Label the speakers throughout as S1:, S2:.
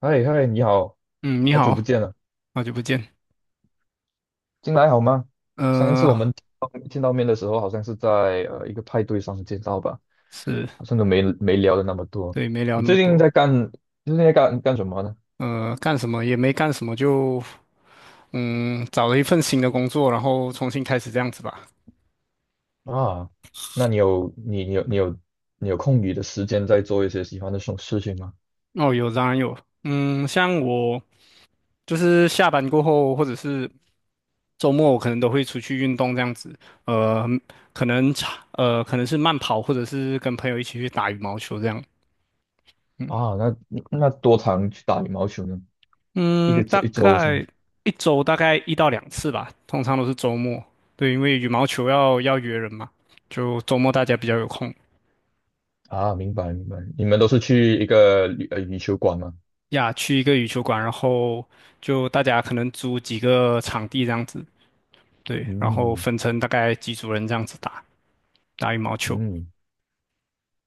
S1: 嗨嗨，你好，
S2: 嗯，你
S1: 好久不
S2: 好，
S1: 见了，
S2: 好久不见。
S1: 近来好吗？上一次我
S2: 呃，
S1: 们见到面的时候，好像是在一个派对上见到吧，
S2: 是，
S1: 好像都没聊的那么多。
S2: 对，没聊
S1: 你
S2: 那
S1: 最
S2: 么
S1: 近
S2: 多。
S1: 在干，最近在干什么呢？
S2: 干什么也没干什么，就找了一份新的工作，然后重新开始这样子吧。
S1: 啊，那你有空余的时间在做一些喜欢的事情吗？
S2: 哦，有，当然有。像我就是下班过后，或者是周末，我可能都会出去运动这样子。呃，可能是慢跑，或者是跟朋友一起去打羽毛球这样。
S1: 啊，那多长去打羽毛球呢？一
S2: 嗯，
S1: 个周
S2: 大
S1: 一周上。
S2: 概大概一到两次吧，通常都是周末。对，因为羽毛球要约人嘛，就周末大家比较有空
S1: 啊，明白明白。你们都是去一个羽球馆吗？
S2: 呀，去一个羽球馆，然后就大家可能租几个场地这样子，对，然后
S1: 嗯
S2: 分成大概几组人这样子打打羽毛球。
S1: 嗯，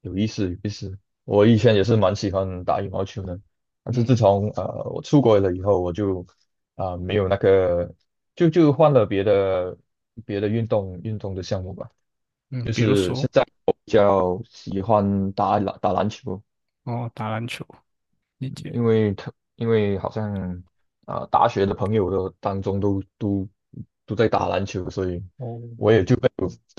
S1: 有意思，有意思。我以前也是蛮喜欢打羽毛球的，但是自从我出国了以后，我就没有那个，就换了别的运动的项目吧，
S2: 嗯，比如说
S1: 比较喜欢打篮球，
S2: 哦，打篮球，理解。
S1: 因为好像大学的朋友当中都在打篮球，所以
S2: 哦，
S1: 我也就被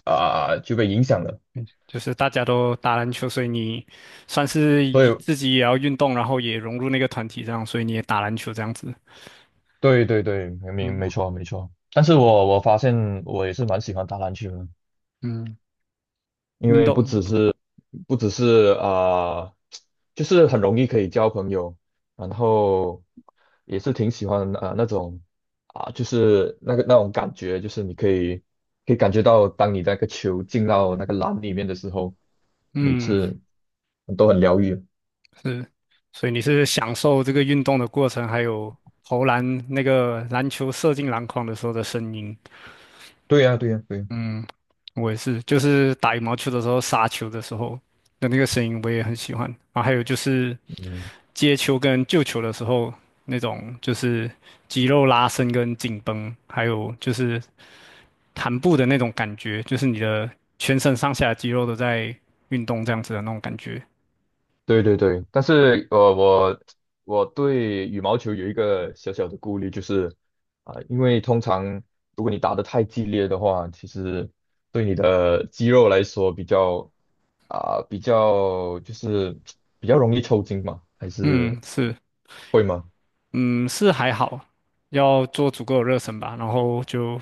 S1: 啊、就被影响了，
S2: 理解，就是大家都打篮球，所以你算是
S1: 所
S2: 以
S1: 以
S2: 自己也要运动，然后也融入那个团体这样，所以你也打篮球这样子。
S1: 对对对，没
S2: 嗯。
S1: 没错没错。但是我发现我也是蛮喜欢打篮球的，
S2: 嗯，
S1: 因
S2: 运
S1: 为不只
S2: 动，
S1: 是不只是呃就是很容易可以交朋友，然后也是挺喜欢那种就是那种感觉，就是你可以感觉到，当你那个球进到那个篮里面的时候，每
S2: 嗯，
S1: 次都很疗愈。
S2: 是，所以你是享受这个运动的过程，还有投篮那个篮球射进篮筐的时候的声音，
S1: 对呀、对呀、对呀、
S2: 嗯，我也是，就是打羽毛球的时候杀球的时候的那个声音，我也很喜欢啊，还有就是
S1: 嗯，
S2: 接球跟救球的时候那种就是肌肉拉伸跟紧绷，还有就是弹步的那种感觉，就是你的全身上下肌肉都在运动这样子的那种感觉，
S1: 对对对，但是我对羽毛球有一个小小的顾虑，就是因为通常如果你打得太激烈的话，其实对你的肌肉来说比较啊、比较就是比较容易抽筋嘛，还是
S2: 嗯，是。
S1: 会吗？
S2: 嗯，是还好，要做足够的热身吧。然后就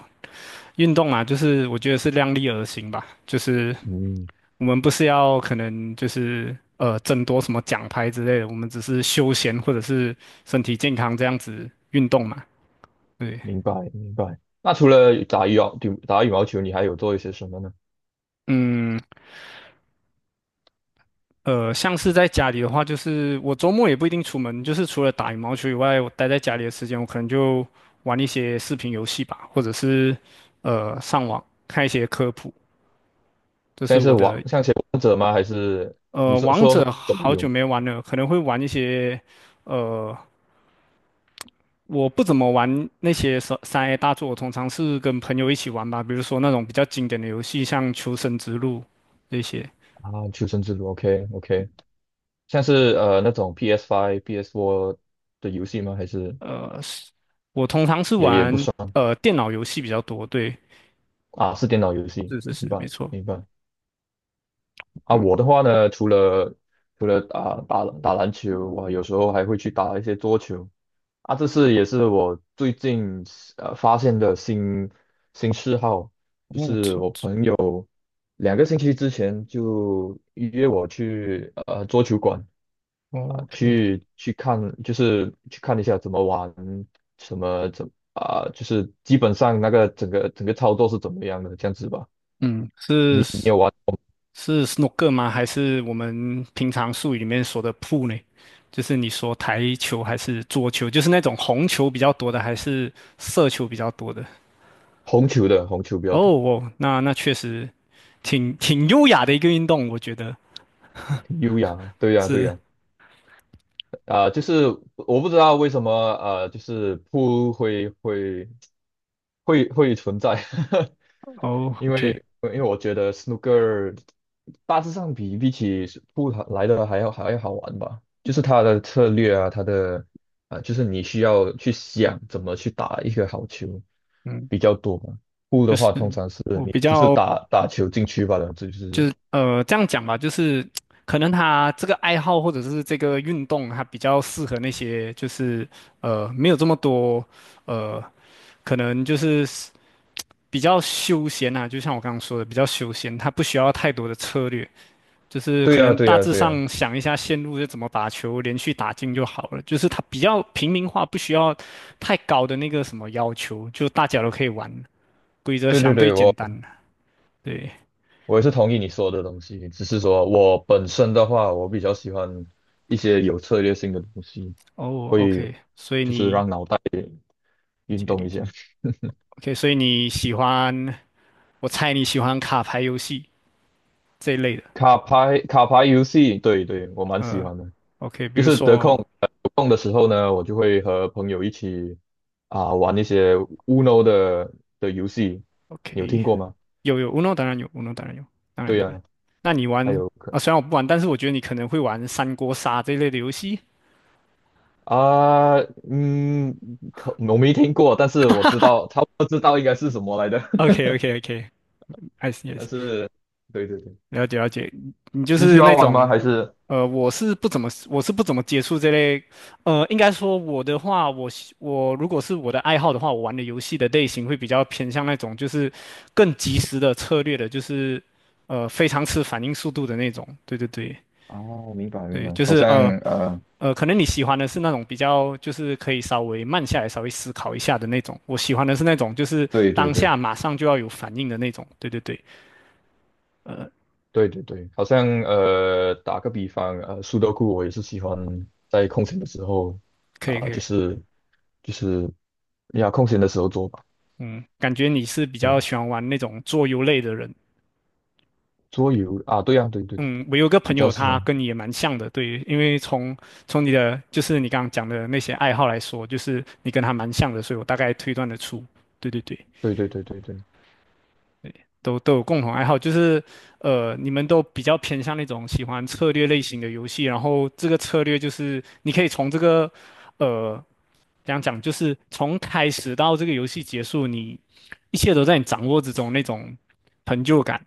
S2: 运动嘛，就是我觉得是量力而行吧。就是
S1: 嗯，
S2: 我们不是要可能就是争夺什么奖牌之类的，我们只是休闲或者是身体健康这样子运动嘛。对，
S1: 明白明白。那除了打羽毛球，你还有做一些什么呢？
S2: 嗯，像是在家里的话，就是我周末也不一定出门，就是除了打羽毛球以外，我待在家里的时间，我可能就玩一些视频游戏吧，或者是上网看一些科普，这是
S1: 像是
S2: 我的
S1: 王像是王者吗？还是你
S2: 呃，
S1: 说
S2: 王
S1: 说是
S2: 者
S1: 手
S2: 好久
S1: 游
S2: 没玩了，可能会玩一些，呃，我不怎么玩那些三 A 大作，我通常是跟朋友一起玩吧，比如说那种比较经典的游戏，像《求生之路》这些。
S1: 啊？求生之路，OK OK。像是那种 PS4 的游戏吗？还是
S2: 是我通常是
S1: 也不
S2: 玩
S1: 算
S2: 电脑游戏比较多，对，
S1: 啊？是电脑游戏，
S2: 是是
S1: 明
S2: 是，没
S1: 白
S2: 错，
S1: 明白。啊，
S2: 嗯，
S1: 我的话呢，除了打篮球，我有时候还会去打一些桌球。啊，也是我最近发现的新嗜好。
S2: 哦，错错
S1: 2个星期之前就约我去桌球馆
S2: ，OK，
S1: 去看，就是去看一下怎么玩，什么怎啊、就是基本上那个整个操作是怎么样的这样子吧。
S2: 嗯，是。
S1: 你有玩？
S2: 是 snooker 吗？还是我们平常术语里面说的 pool 呢？就是你说台球还是桌球？就是那种红球比较多的，还是色球比较多的？
S1: 红球的，红球比
S2: 哦
S1: 较多，
S2: 哦，那确实挺优雅的一个运动，我觉得
S1: 挺优雅的。对呀、对
S2: 是。
S1: 呀、就是我不知道为什么就是不会存在，
S2: 哦
S1: 因
S2: ，OK，
S1: 为因为我觉得 snooker 大致上比起扑克来的还要好玩吧，就是它的策略啊，它的啊，就是你需要去想怎么去打一个好球
S2: 嗯，
S1: 比较多嘛。扑的
S2: 就是
S1: 话，通常是
S2: 我
S1: 你
S2: 比
S1: 就是
S2: 较
S1: 打球进去罢了，这就是
S2: 就是这样讲吧，就是可能他这个爱好或者是这个运动，它比较适合那些就是没有这么多呃。可能就是比较休闲啊，就像我刚刚说的，比较休闲，它不需要太多的策略，就是
S1: 对
S2: 可
S1: 呀、
S2: 能
S1: 对
S2: 大
S1: 呀、
S2: 致
S1: 对呀、
S2: 上想一下线路是怎么把球连续打进就好了，就是它比较平民化，不需要太高的那个什么要求，就大家都可以玩，规则
S1: 对对
S2: 相对
S1: 对，
S2: 简
S1: 我
S2: 单。对，
S1: 我也是同意你说的东西，只是说我本身的话，我比较喜欢一些有策略性的东西，
S2: 哦
S1: 会
S2: ，OK，所以
S1: 就是
S2: 你
S1: 让脑袋
S2: 理
S1: 运
S2: 解
S1: 动
S2: 理
S1: 一下。
S2: 解，OK，所以你喜欢，我猜你喜欢卡牌游戏这一类的，
S1: 卡牌游戏，对对，我蛮喜
S2: 呃
S1: 欢的。
S2: ，OK，比
S1: 就
S2: 如
S1: 是
S2: 说
S1: 有空的时候呢，我就会和朋友一起玩一些 Uno 的游戏，你有听
S2: ，OK，
S1: 过吗？
S2: 有有，Uno 当然有，Uno 当然有，当然
S1: 对
S2: 当然。
S1: 呀、
S2: 那你
S1: 还
S2: 玩
S1: 有可
S2: 啊？虽然我不玩，但是我觉得你可能会玩三国杀这一类的游戏。
S1: 啊、嗯，可我没听过，但是我知道，差不多知道应该是什么来的。
S2: OK OK OK，I see I
S1: 但
S2: s e
S1: 是，对对对，
S2: 了解了解。你就
S1: 你喜
S2: 是那
S1: 欢玩吗？
S2: 种
S1: 还是
S2: 我是不怎么接触这类，应该说我的话，我如果是我的爱好的话，我玩的游戏的类型会比较偏向那种就是更及时的策略的，就是非常吃反应速度的那种。对对对。
S1: 啊，我明白明
S2: 对，
S1: 白，
S2: 就
S1: 好
S2: 是
S1: 像呃，
S2: 可能你喜欢的是那种比较，就是可以稍微慢下来、稍微思考一下的那种。我喜欢的是那种，就是
S1: 对对
S2: 当
S1: 对，
S2: 下马上就要有反应的那种。对对对，
S1: 对对对，好像打个比方，苏德库我也是喜欢在空闲的时候
S2: 可以可
S1: 啊、就
S2: 以。
S1: 是就是呀，空闲的时候做吧。
S2: 嗯，感觉你是比
S1: 对
S2: 较
S1: 啊，
S2: 喜欢玩那种做游类的人。
S1: 桌游啊，对呀、对对对，
S2: 嗯，我有个朋
S1: 比较
S2: 友，
S1: 喜
S2: 他
S1: 欢。
S2: 跟你也蛮像的。对，因为从你的就是你刚刚讲的那些爱好来说，就是你跟他蛮像的，所以我大概推断得出。对对对。
S1: 对对对对对，
S2: 都有共同爱好，就是你们都比较偏向那种喜欢策略类型的游戏，然后这个策略就是你可以从这个呃，怎样讲，就是从开始到这个游戏结束，你一切都在你掌握之中那种成就感。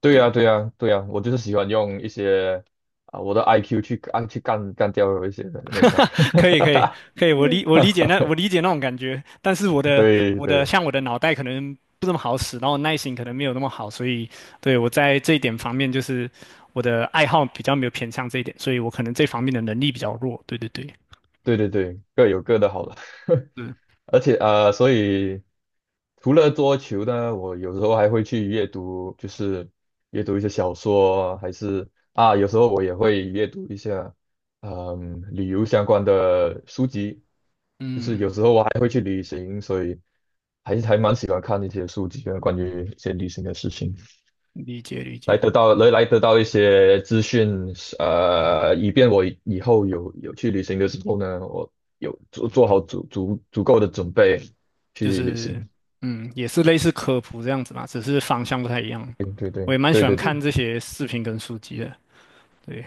S1: 对呀、
S2: 对，
S1: 对呀、对呀、我就是喜欢用一些我的 IQ 去干掉有一些人啊。
S2: 可以，可以，可以，我 理解那种感觉，但是我的
S1: 对对
S2: 像我的脑袋可能不怎么好使，然后耐心可能没有那么好，所以对我在这一点方面就是我的爱好比较没有偏向这一点，所以我可能这方面的能力比较弱。对对对，
S1: 对对对对，各有各的好了。
S2: 嗯
S1: 而且所以除了桌球呢，我有时候还会去阅读，就是阅读一些小说，还是有时候我也会阅读一下，旅游相关的书籍。就是
S2: 嗯，
S1: 有时候我还会去旅行，所以还蛮喜欢看一些书籍啊，关于一些旅行的事情。
S2: 理解理
S1: 来
S2: 解，
S1: 得到来来得到一些资讯，以便我以后有去旅行的时候呢，我有做好足够的准备
S2: 就
S1: 去旅
S2: 是
S1: 行。
S2: 也是类似科普这样子嘛，只是方向不太一样。
S1: 对对对
S2: 我也蛮喜
S1: 对
S2: 欢
S1: 对
S2: 看
S1: 对。
S2: 这些视频跟书籍的，对，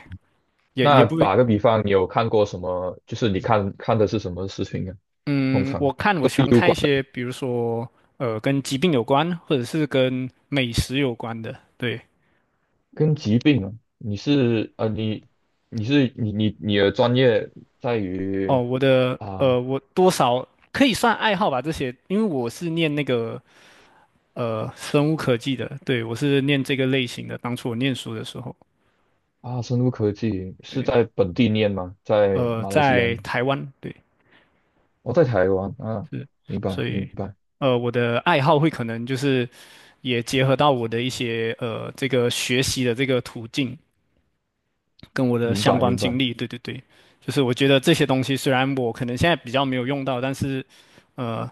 S2: 也
S1: 那
S2: 不
S1: 打个比方，你有看过什么？就是你看的是什么事情啊？通
S2: 嗯，
S1: 常
S2: 我
S1: 都
S2: 喜
S1: 是
S2: 欢
S1: 有
S2: 看一
S1: 关的，
S2: 些，比如说跟疾病有关，或者是跟美食有关的。对，
S1: 跟疾病啊。你是呃你你是你你你的专业在
S2: 哦，
S1: 于
S2: 我的
S1: 啊
S2: 我多少可以算爱好吧，这些，因为我是念那个生物科技的，对，我是念这个类型的。当初我念书的时候，
S1: 生物科技，是
S2: 对，
S1: 在本地念吗？在马来西亚
S2: 在
S1: 念？
S2: 台湾，对，
S1: 我在台湾啊，
S2: 是，
S1: 明白，
S2: 所
S1: 明
S2: 以
S1: 白，
S2: 我的爱好会可能就是也结合到我的一些这个学习的这个途径。跟我的
S1: 明
S2: 相
S1: 白，
S2: 关
S1: 明
S2: 经
S1: 白，
S2: 历，对对对，就是我觉得这些东西虽然我可能现在比较没有用到，但是，呃，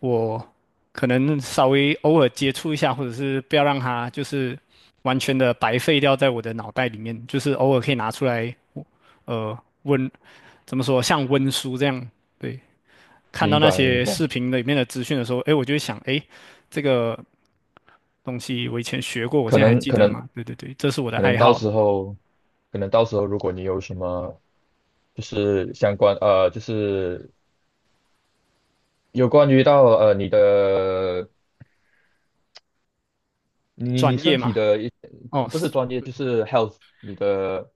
S2: 我可能稍微偶尔接触一下，或者是不要让它就是完全的白费掉在我的脑袋里面，就是偶尔可以拿出来，呃，温，怎么说，像温书这样，对，看到
S1: 明
S2: 那
S1: 白，明
S2: 些
S1: 白。
S2: 视频里面的资讯的时候，诶，我就会想，诶，这个东西我以前学过，我
S1: 可
S2: 现在还
S1: 能，
S2: 记
S1: 可
S2: 得
S1: 能，
S2: 吗？对对对，这是我的
S1: 可能
S2: 爱
S1: 到
S2: 好，
S1: 时候，可能到时候，如果你有什么，就是相关，就是有关于到你的，你
S2: 专
S1: 你
S2: 业
S1: 身体
S2: 嘛，
S1: 的一，
S2: 哦，
S1: 不是
S2: 是。
S1: 专业，就是 health，你的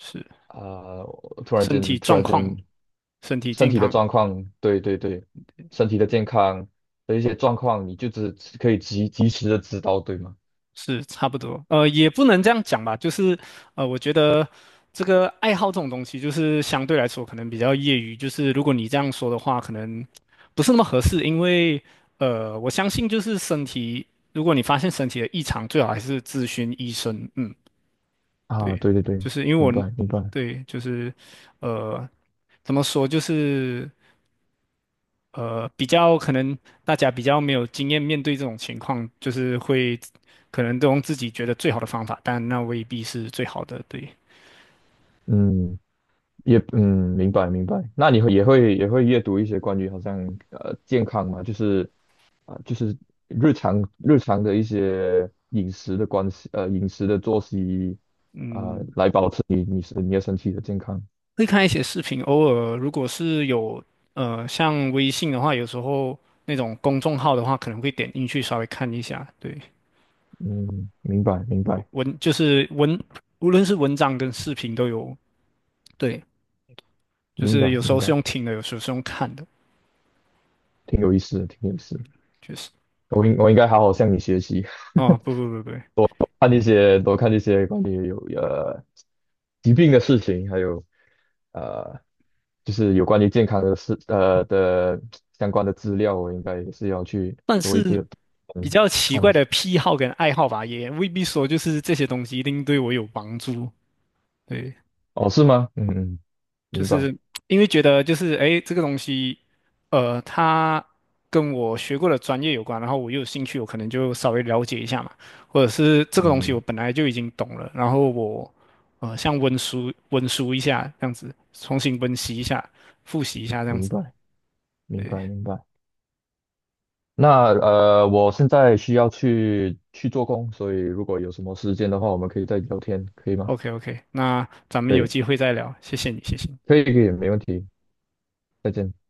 S2: 是
S1: 我
S2: 身体
S1: 突
S2: 状
S1: 然间，
S2: 况、身体
S1: 身
S2: 健
S1: 体的
S2: 康
S1: 状况，对对对，身体的健康的一些状况，你就只可以及时的知道，对吗？
S2: 是差不多。也不能这样讲吧，就是我觉得这个爱好这种东西，就是相对来说可能比较业余。就是如果你这样说的话，可能不是那么合适，因为我相信就是身体，如果你发现身体的异常，最好还是咨询医生。嗯，
S1: 啊，
S2: 对，
S1: 对对对，
S2: 就是因为
S1: 明
S2: 我，
S1: 白明白，
S2: 对，就是呃，怎么说，就是。比较可能大家比较没有经验，面对这种情况，就是会可能都用自己觉得最好的方法，但那未必是最好的。对，
S1: 嗯，也嗯，明白明白。那你会也会也会阅读一些关于好像健康嘛，就是就是日常的一些饮食的关系，饮食的作息
S2: 嗯，
S1: 来保持你的身体的健康。
S2: 会看一些视频，偶尔如果是有像微信的话，有时候那种公众号的话，可能会点进去稍微看一下。对，
S1: 嗯，明白明白
S2: 文就是文，无论是文章跟视频都有。对，就
S1: 明
S2: 是
S1: 白
S2: 有时
S1: 明
S2: 候
S1: 白，
S2: 是用听的，有时候是用看的，
S1: 挺有意思的，挺有意思的
S2: 确实。
S1: 我应该好好向你学习。
S2: 哦，不不不不，
S1: 看那些多看那些关于有疾病的事情，还有呃就是有关于健康的事的相关的资料，我应该也是要去
S2: 但
S1: 多一
S2: 是。
S1: 个
S2: 比
S1: 嗯
S2: 较奇
S1: 看一
S2: 怪
S1: 下。
S2: 的癖好跟爱好吧，也未必说就是这些东西一定对我有帮助。对，
S1: 哦，是吗？嗯嗯，
S2: 就
S1: 明白，
S2: 是因为觉得就是诶，这个东西，它跟我学过的专业有关，然后我又有兴趣，我可能就稍微了解一下嘛，或者是这个东西
S1: 嗯，
S2: 我本来就已经懂了，然后我像温书温书一下这样子，重新温习一下，复习一下这样
S1: 明
S2: 子。
S1: 白，明
S2: 对
S1: 白，明白。那我现在需要去做工，所以如果有什么时间的话，我们可以再聊天，可以吗？
S2: ，OK OK，那咱们
S1: 可
S2: 有
S1: 以，
S2: 机会再聊，谢谢你，谢谢你。
S1: 可以，可以，没问题。再见。